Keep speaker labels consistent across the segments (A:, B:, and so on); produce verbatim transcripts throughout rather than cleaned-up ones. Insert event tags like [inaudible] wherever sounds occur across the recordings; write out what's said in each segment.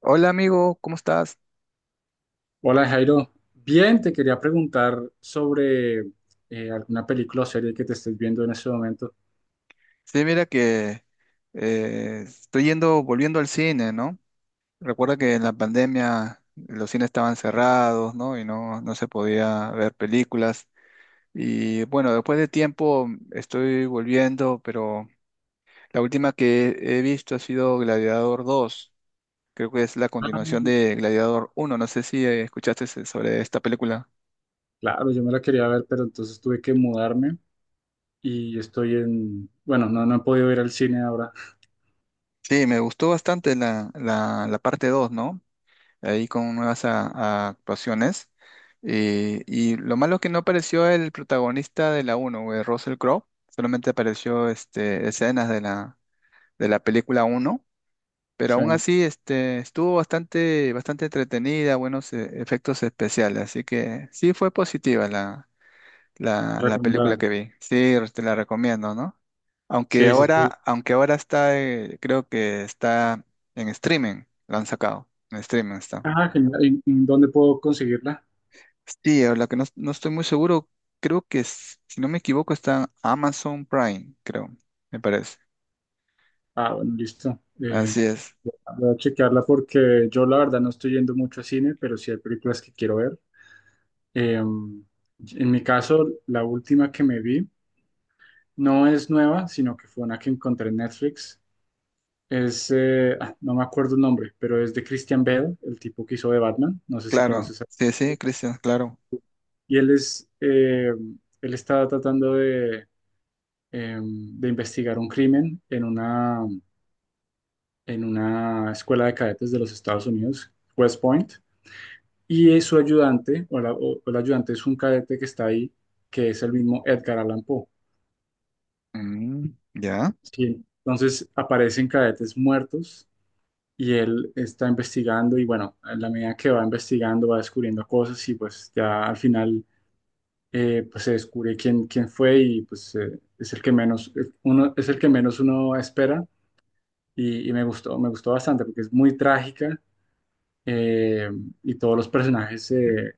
A: Hola amigo, ¿cómo estás?
B: Hola Jairo, bien, te quería preguntar sobre eh, alguna película o serie que te estés viendo en este momento.
A: Sí, mira que eh, estoy yendo, volviendo al cine, ¿no? Recuerda que en la pandemia los cines estaban cerrados, ¿no? Y no, no se podía ver películas. Y bueno, después de tiempo estoy volviendo, pero la última que he visto ha sido Gladiador dos. Creo que es la continuación
B: Ah.
A: de Gladiador uno. No sé si eh, escuchaste sobre esta película.
B: Claro, yo me la quería ver, pero entonces tuve que mudarme y estoy en, bueno, no, no he podido ir al cine ahora.
A: Sí, me gustó bastante la, la, la parte dos, ¿no? ahí con nuevas a- a actuaciones. Eh, y lo malo es que no apareció el protagonista de la uno, güey, Russell Crowe. Solamente apareció este, escenas de la, de la película uno. Pero aún
B: Sí,
A: así este, estuvo bastante, bastante entretenida, buenos eh, efectos especiales. Así que sí fue positiva la, la, la película
B: recomendada.
A: que vi. Sí, te la recomiendo, ¿no? Aunque
B: Sí, sí, sí.
A: ahora, aunque ahora está, eh, creo que está en streaming, la han sacado. En streaming está.
B: Ah, genial. ¿Y y dónde puedo conseguirla?
A: Sí, a la que no, no estoy muy seguro, creo que s- si no me equivoco está en Amazon Prime, creo, me parece.
B: Ah, bueno, listo. Eh,
A: Así es,
B: voy a chequearla porque yo la verdad no estoy yendo mucho a cine, pero sí hay películas que quiero ver. Em, en mi caso, la última que me vi. No es nueva, sino que fue una que encontré en Netflix. Es, eh, ah, no me acuerdo el nombre, pero es de Christian Bale, el tipo que hizo de Batman. No sé si
A: claro,
B: conoces. a- él.
A: sí, sí, Cristian, claro.
B: Y él es, eh, él está tratando de, eh, de investigar un crimen en una, en una escuela de cadetes de los Estados Unidos, West Point. Y es su ayudante, o, la- o- o el ayudante es un cadete que está ahí, que es el mismo Edgar Allan Poe.
A: Mm, ya.
B: Sí. Entonces aparecen cadetes muertos y él está investigando y bueno, en la medida que va investigando va descubriendo cosas y pues ya al final eh, pues se descubre quién, quién fue y pues eh, es el que menos eh, uno, es el que menos uno espera y, y me gustó, me gustó bastante porque es muy trágica eh, y todos los personajes, eh,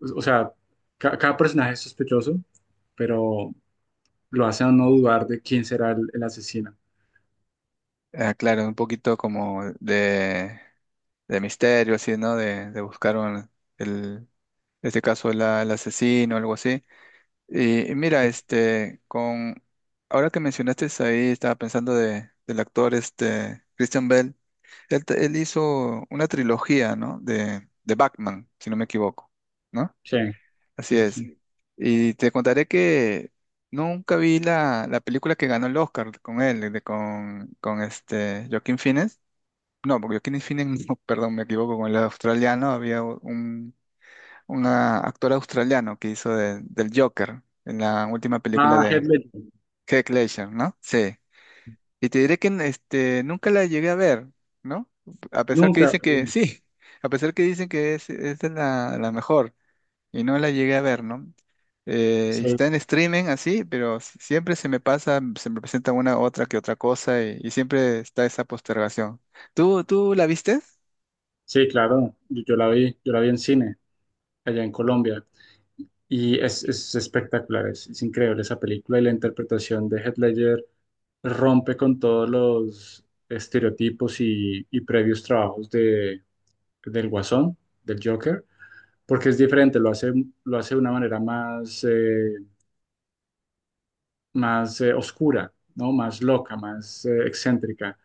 B: o o sea, ca- cada personaje es sospechoso, pero lo hace a no dudar de quién será el, el asesino.
A: Ah, claro, un poquito como de, de misterio, así, ¿no? De, de buscar un- el, en este caso la- el asesino, algo así. Y, y mira, este, con, ahora que mencionaste ahí, estaba pensando de, del actor, este, Christian Bale. Él, t- él hizo una trilogía, ¿no? De, de Batman, si no me equivoco, ¿no?
B: Sí, sí,
A: Así
B: sí,
A: es.
B: sí.
A: Y te contaré que nunca vi la, la película que ganó el Oscar con él, de- con, con este Joaquin Phoenix. No, porque Joaquin Phoenix, [laughs] no, perdón, me equivoco, con el australiano había un una actor australiano que hizo de- del Joker en la última película
B: Ah, Heath
A: de
B: Ledger.
A: Heath Ledger, ¿no? Sí. Y te diré que n- este, nunca la llegué a ver, ¿no? A pesar que
B: Nunca.
A: dicen que sí, [laughs] a pesar que dicen que es, es de la, la mejor y no la llegué a ver, ¿no? Eh,
B: Sí,
A: está en streaming así, pero s- siempre se me pasa, se me presenta una otra que otra cosa y, y siempre está esa postergación. ¿Tú, tú la viste?
B: sí, claro, yo, yo la vi, yo la vi en cine, allá en Colombia, y es, es espectacular, es, es increíble esa película y la interpretación de Heath Ledger rompe con todos los estereotipos y, y previos trabajos de, del Guasón, del Joker, porque es diferente, lo hace, lo hace de una manera más, eh, más eh, oscura, ¿no? Más loca, más eh, excéntrica.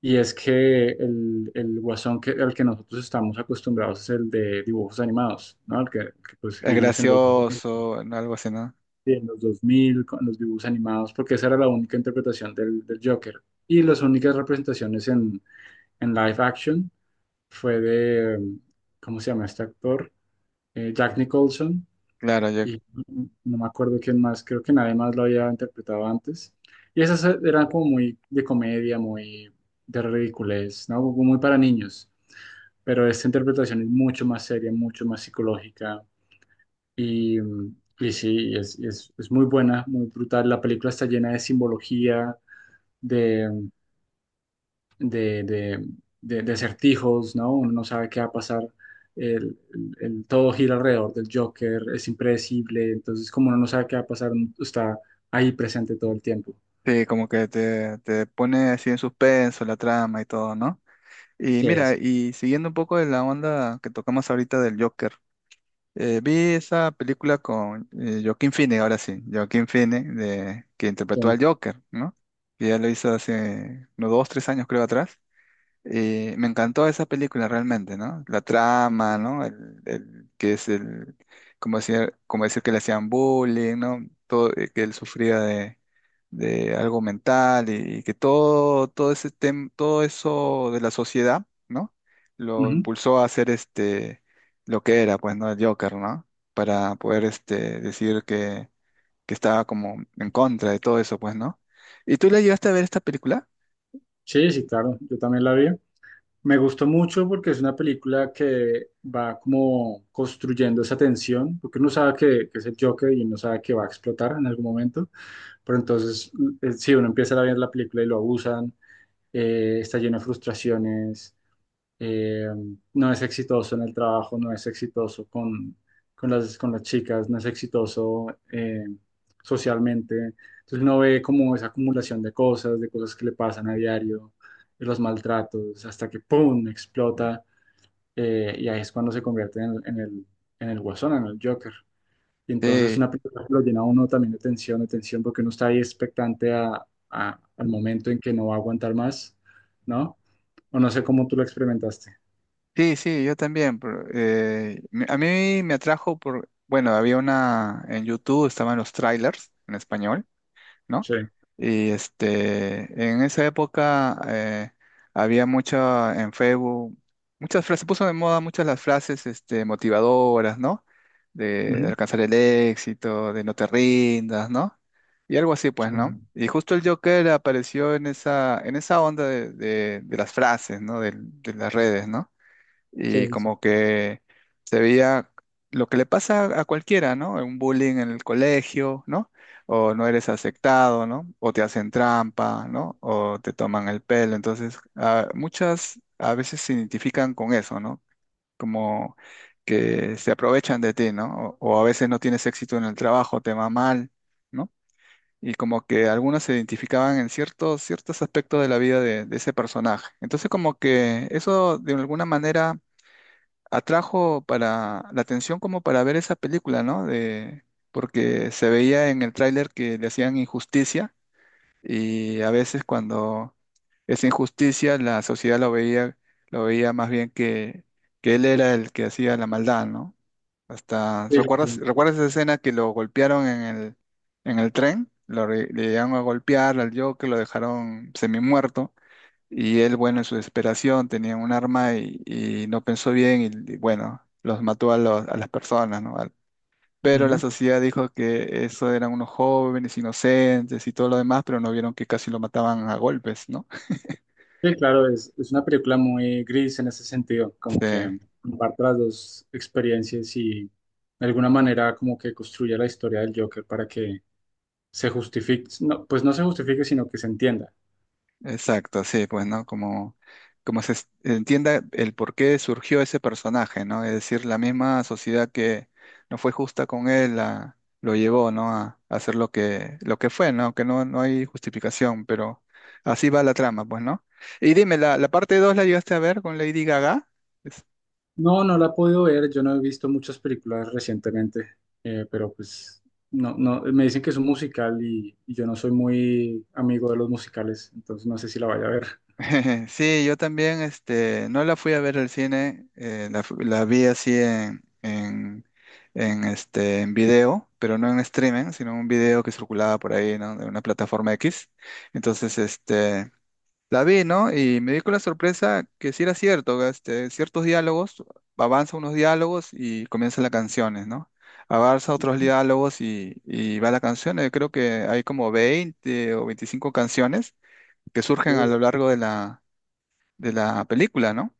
B: Y es que el, el guasón que, al que nosotros estamos acostumbrados es el de dibujos animados, ¿no? El que, que, pues
A: Es
B: vimos en los, dos mil,
A: gracioso, ¿no? Algo así, ¿no?
B: en los dos mil con los dibujos animados, porque esa era la única interpretación del, del Joker. Y las únicas representaciones en, en live action fue de, em, ¿cómo se llama este actor? Eh, Jack Nicholson
A: Claro, yo-
B: y no me acuerdo quién más, creo que nadie más lo había interpretado antes. Y esas eran como muy de comedia, muy de ridiculez, ¿no? Como muy para niños. Pero esta interpretación es mucho más seria, mucho más psicológica y, y sí, es, es, es muy buena, muy brutal. La película está llena de simbología, de, de, de- de acertijos, ¿no? Uno no sabe qué va a pasar. El, el- Todo gira alrededor del Joker, es impredecible. Entonces, como uno no sabe qué va a pasar, uno está ahí presente todo el tiempo.
A: sí, como que te, te pone así en suspenso la trama y todo, ¿no? Y
B: Sí,
A: mira,
B: sí.
A: y siguiendo un poco de la onda que tocamos ahorita del Joker. Eh, vi esa película con eh, Joaquín Phoenix, ahora sí, Joaquín Phoenix, de, que interpretó
B: Sí.
A: al Joker, ¿no? Que ya lo hizo hace unos dos, tres años, creo, atrás. Y me encantó esa película realmente, ¿no? La trama, ¿no? El, el- que es el, como decir, como decir que le hacían bullying, ¿no? Todo, eh, que él sufría de, de algo mental y, que todo, todo ese tem- todo eso de la sociedad, ¿no? Lo
B: Ujú.
A: impulsó a hacer este lo que era, pues, ¿no? El Joker, ¿no? Para poder este decir que, que estaba como en contra de todo eso, pues, ¿no? ¿Y tú le llegaste a ver esta película?
B: Sí, sí, claro, yo también la vi. Me gustó mucho porque es una película que va como construyendo esa tensión, porque uno sabe que, que es el Joker y uno sabe que va a explotar en algún momento, pero entonces, eh, sí, uno empieza a ver la película y lo abusan, eh, está lleno de frustraciones, eh, no es exitoso en el trabajo, no es exitoso con, con las, con las chicas, no es exitoso eh, socialmente. Entonces uno ve como esa acumulación de cosas, de cosas que le pasan a diario, de los maltratos, hasta que ¡pum! Explota eh, y ahí es cuando se convierte en, en el, en el guasón, en el Joker. Y entonces es
A: Sí,
B: una película que lo llena a uno también de tensión, de tensión, porque uno está ahí expectante a, a- al momento en que no va a aguantar más, ¿no? O no sé cómo tú lo experimentaste.
A: sí, sí, yo también. Pero, eh, me- a mí me atrajo por, bueno, había una en YouTube, estaban los trailers en español, ¿no?
B: Sí.
A: Y este, en esa época eh, había mucha en Facebook, muchas frases, se puso de moda muchas las frases este, motivadoras, ¿no? De, de
B: Ujú.
A: alcanzar el éxito, de no te rindas, ¿no? Y algo así,
B: Sí,
A: pues, ¿no? Y justo el Joker apareció en esa, en esa onda de, de- de las frases, ¿no? de de las redes, ¿no? Y
B: sí, sí,
A: como que se veía lo que le pasa a cualquiera, ¿no? Un bullying en el colegio, ¿no? O no eres aceptado, ¿no? O te hacen trampa, ¿no? O te toman el pelo. Entonces, ah, muchas a veces se identifican con eso, ¿no? Como que se aprovechan de ti, ¿no? O, o a veces no tienes éxito en el trabajo, te va mal. ¿No? Y como que algunos se identificaban en ciertos, ciertos aspectos de la vida de de ese personaje. Entonces como que eso de alguna manera atrajo para la atención como para ver esa película, ¿no? De, porque se veía en el tráiler que le hacían injusticia y a veces cuando esa injusticia la sociedad lo veía, lo veía más bien que, que él era el que hacía la maldad, ¿no? Hasta,
B: sí, sí,
A: ¿recuerdas,
B: sí.
A: recuerdas esa escena que lo golpearon en el, en el tren? Lo, re- le llegaron a golpear al Joker, lo dejaron semi muerto y él, bueno, en su desesperación tenía un arma y, y no pensó bien y, y, bueno, los mató a, los- a las personas, ¿no? Al- Pero la
B: Ujú.
A: sociedad dijo que eso eran unos jóvenes inocentes y todo lo demás, pero no vieron que casi lo mataban a golpes, ¿no? [laughs]
B: Sí, claro, es, es una película muy gris en ese sentido,
A: Sí.
B: como que comparte las dos experiencias y de alguna manera como que construye la historia del Joker para que se justifique, no, pues no se justifique, sino que se entienda.
A: Exacto, sí, pues, ¿no? Como, como se es- entienda el por qué surgió ese personaje, ¿no? Es decir, la misma sociedad que no fue justa con él la- lo llevó, ¿no? A, a hacer lo que, lo que fue, ¿no? Que no, no hay justificación, pero así va la trama, pues, ¿no? Y dime, ¿la, la parte dos la llegaste a ver con Lady Gaga?
B: No, no la he podido ver, yo no he visto muchas películas recientemente, eh, pero pues no, no, me dicen que es un musical y, y yo no soy muy amigo de los musicales, entonces no sé si la vaya a ver.
A: [laughs] Sí, yo también, este, no la fui a ver al cine, eh, la, fu- la vi así en, en, en, este, en video, pero no en streaming, sino en un video que circulaba por ahí, ¿no? De una plataforma equis. Entonces, este, la vi, ¿no? Y me di con la sorpresa que sí era cierto, que, este, ciertos diálogos, avanza unos diálogos y comienzan las canciones, ¿no? Avanza otros diálogos y, y va la canción. Eh, Creo que hay como veinte o veinticinco canciones que surgen a
B: Sí.
A: lo largo de la de la película, ¿no?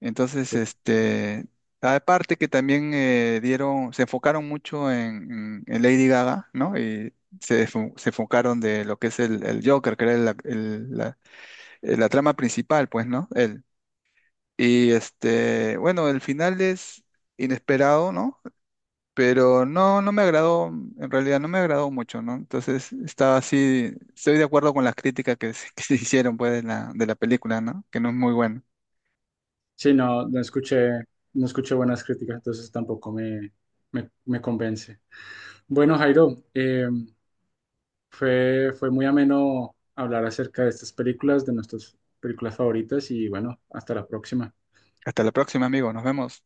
A: Entonces, este, aparte que también eh, dieron, se enfocaron mucho en, en- en Lady Gaga, ¿no? Y se, enfo- se enfocaron de lo que es el, el Joker, que era la, el- la- eh, la trama principal, pues, ¿no? Él. Y este, bueno, el final es inesperado, ¿no? Pero no, no me agradó, en realidad no me agradó mucho, ¿no? Entonces estaba así, estoy de acuerdo con las críticas que se, [laughs] que se hicieron, pues, de la, de la película, ¿no? Que no es muy buena.
B: Sí, no, no escuché, no escuché buenas críticas, entonces tampoco me, me, me convence. Bueno, Jairo, eh, fue, fue muy ameno hablar acerca de estas películas, de nuestras películas favoritas y bueno, hasta la próxima.
A: Hasta la próxima, amigo. Nos vemos.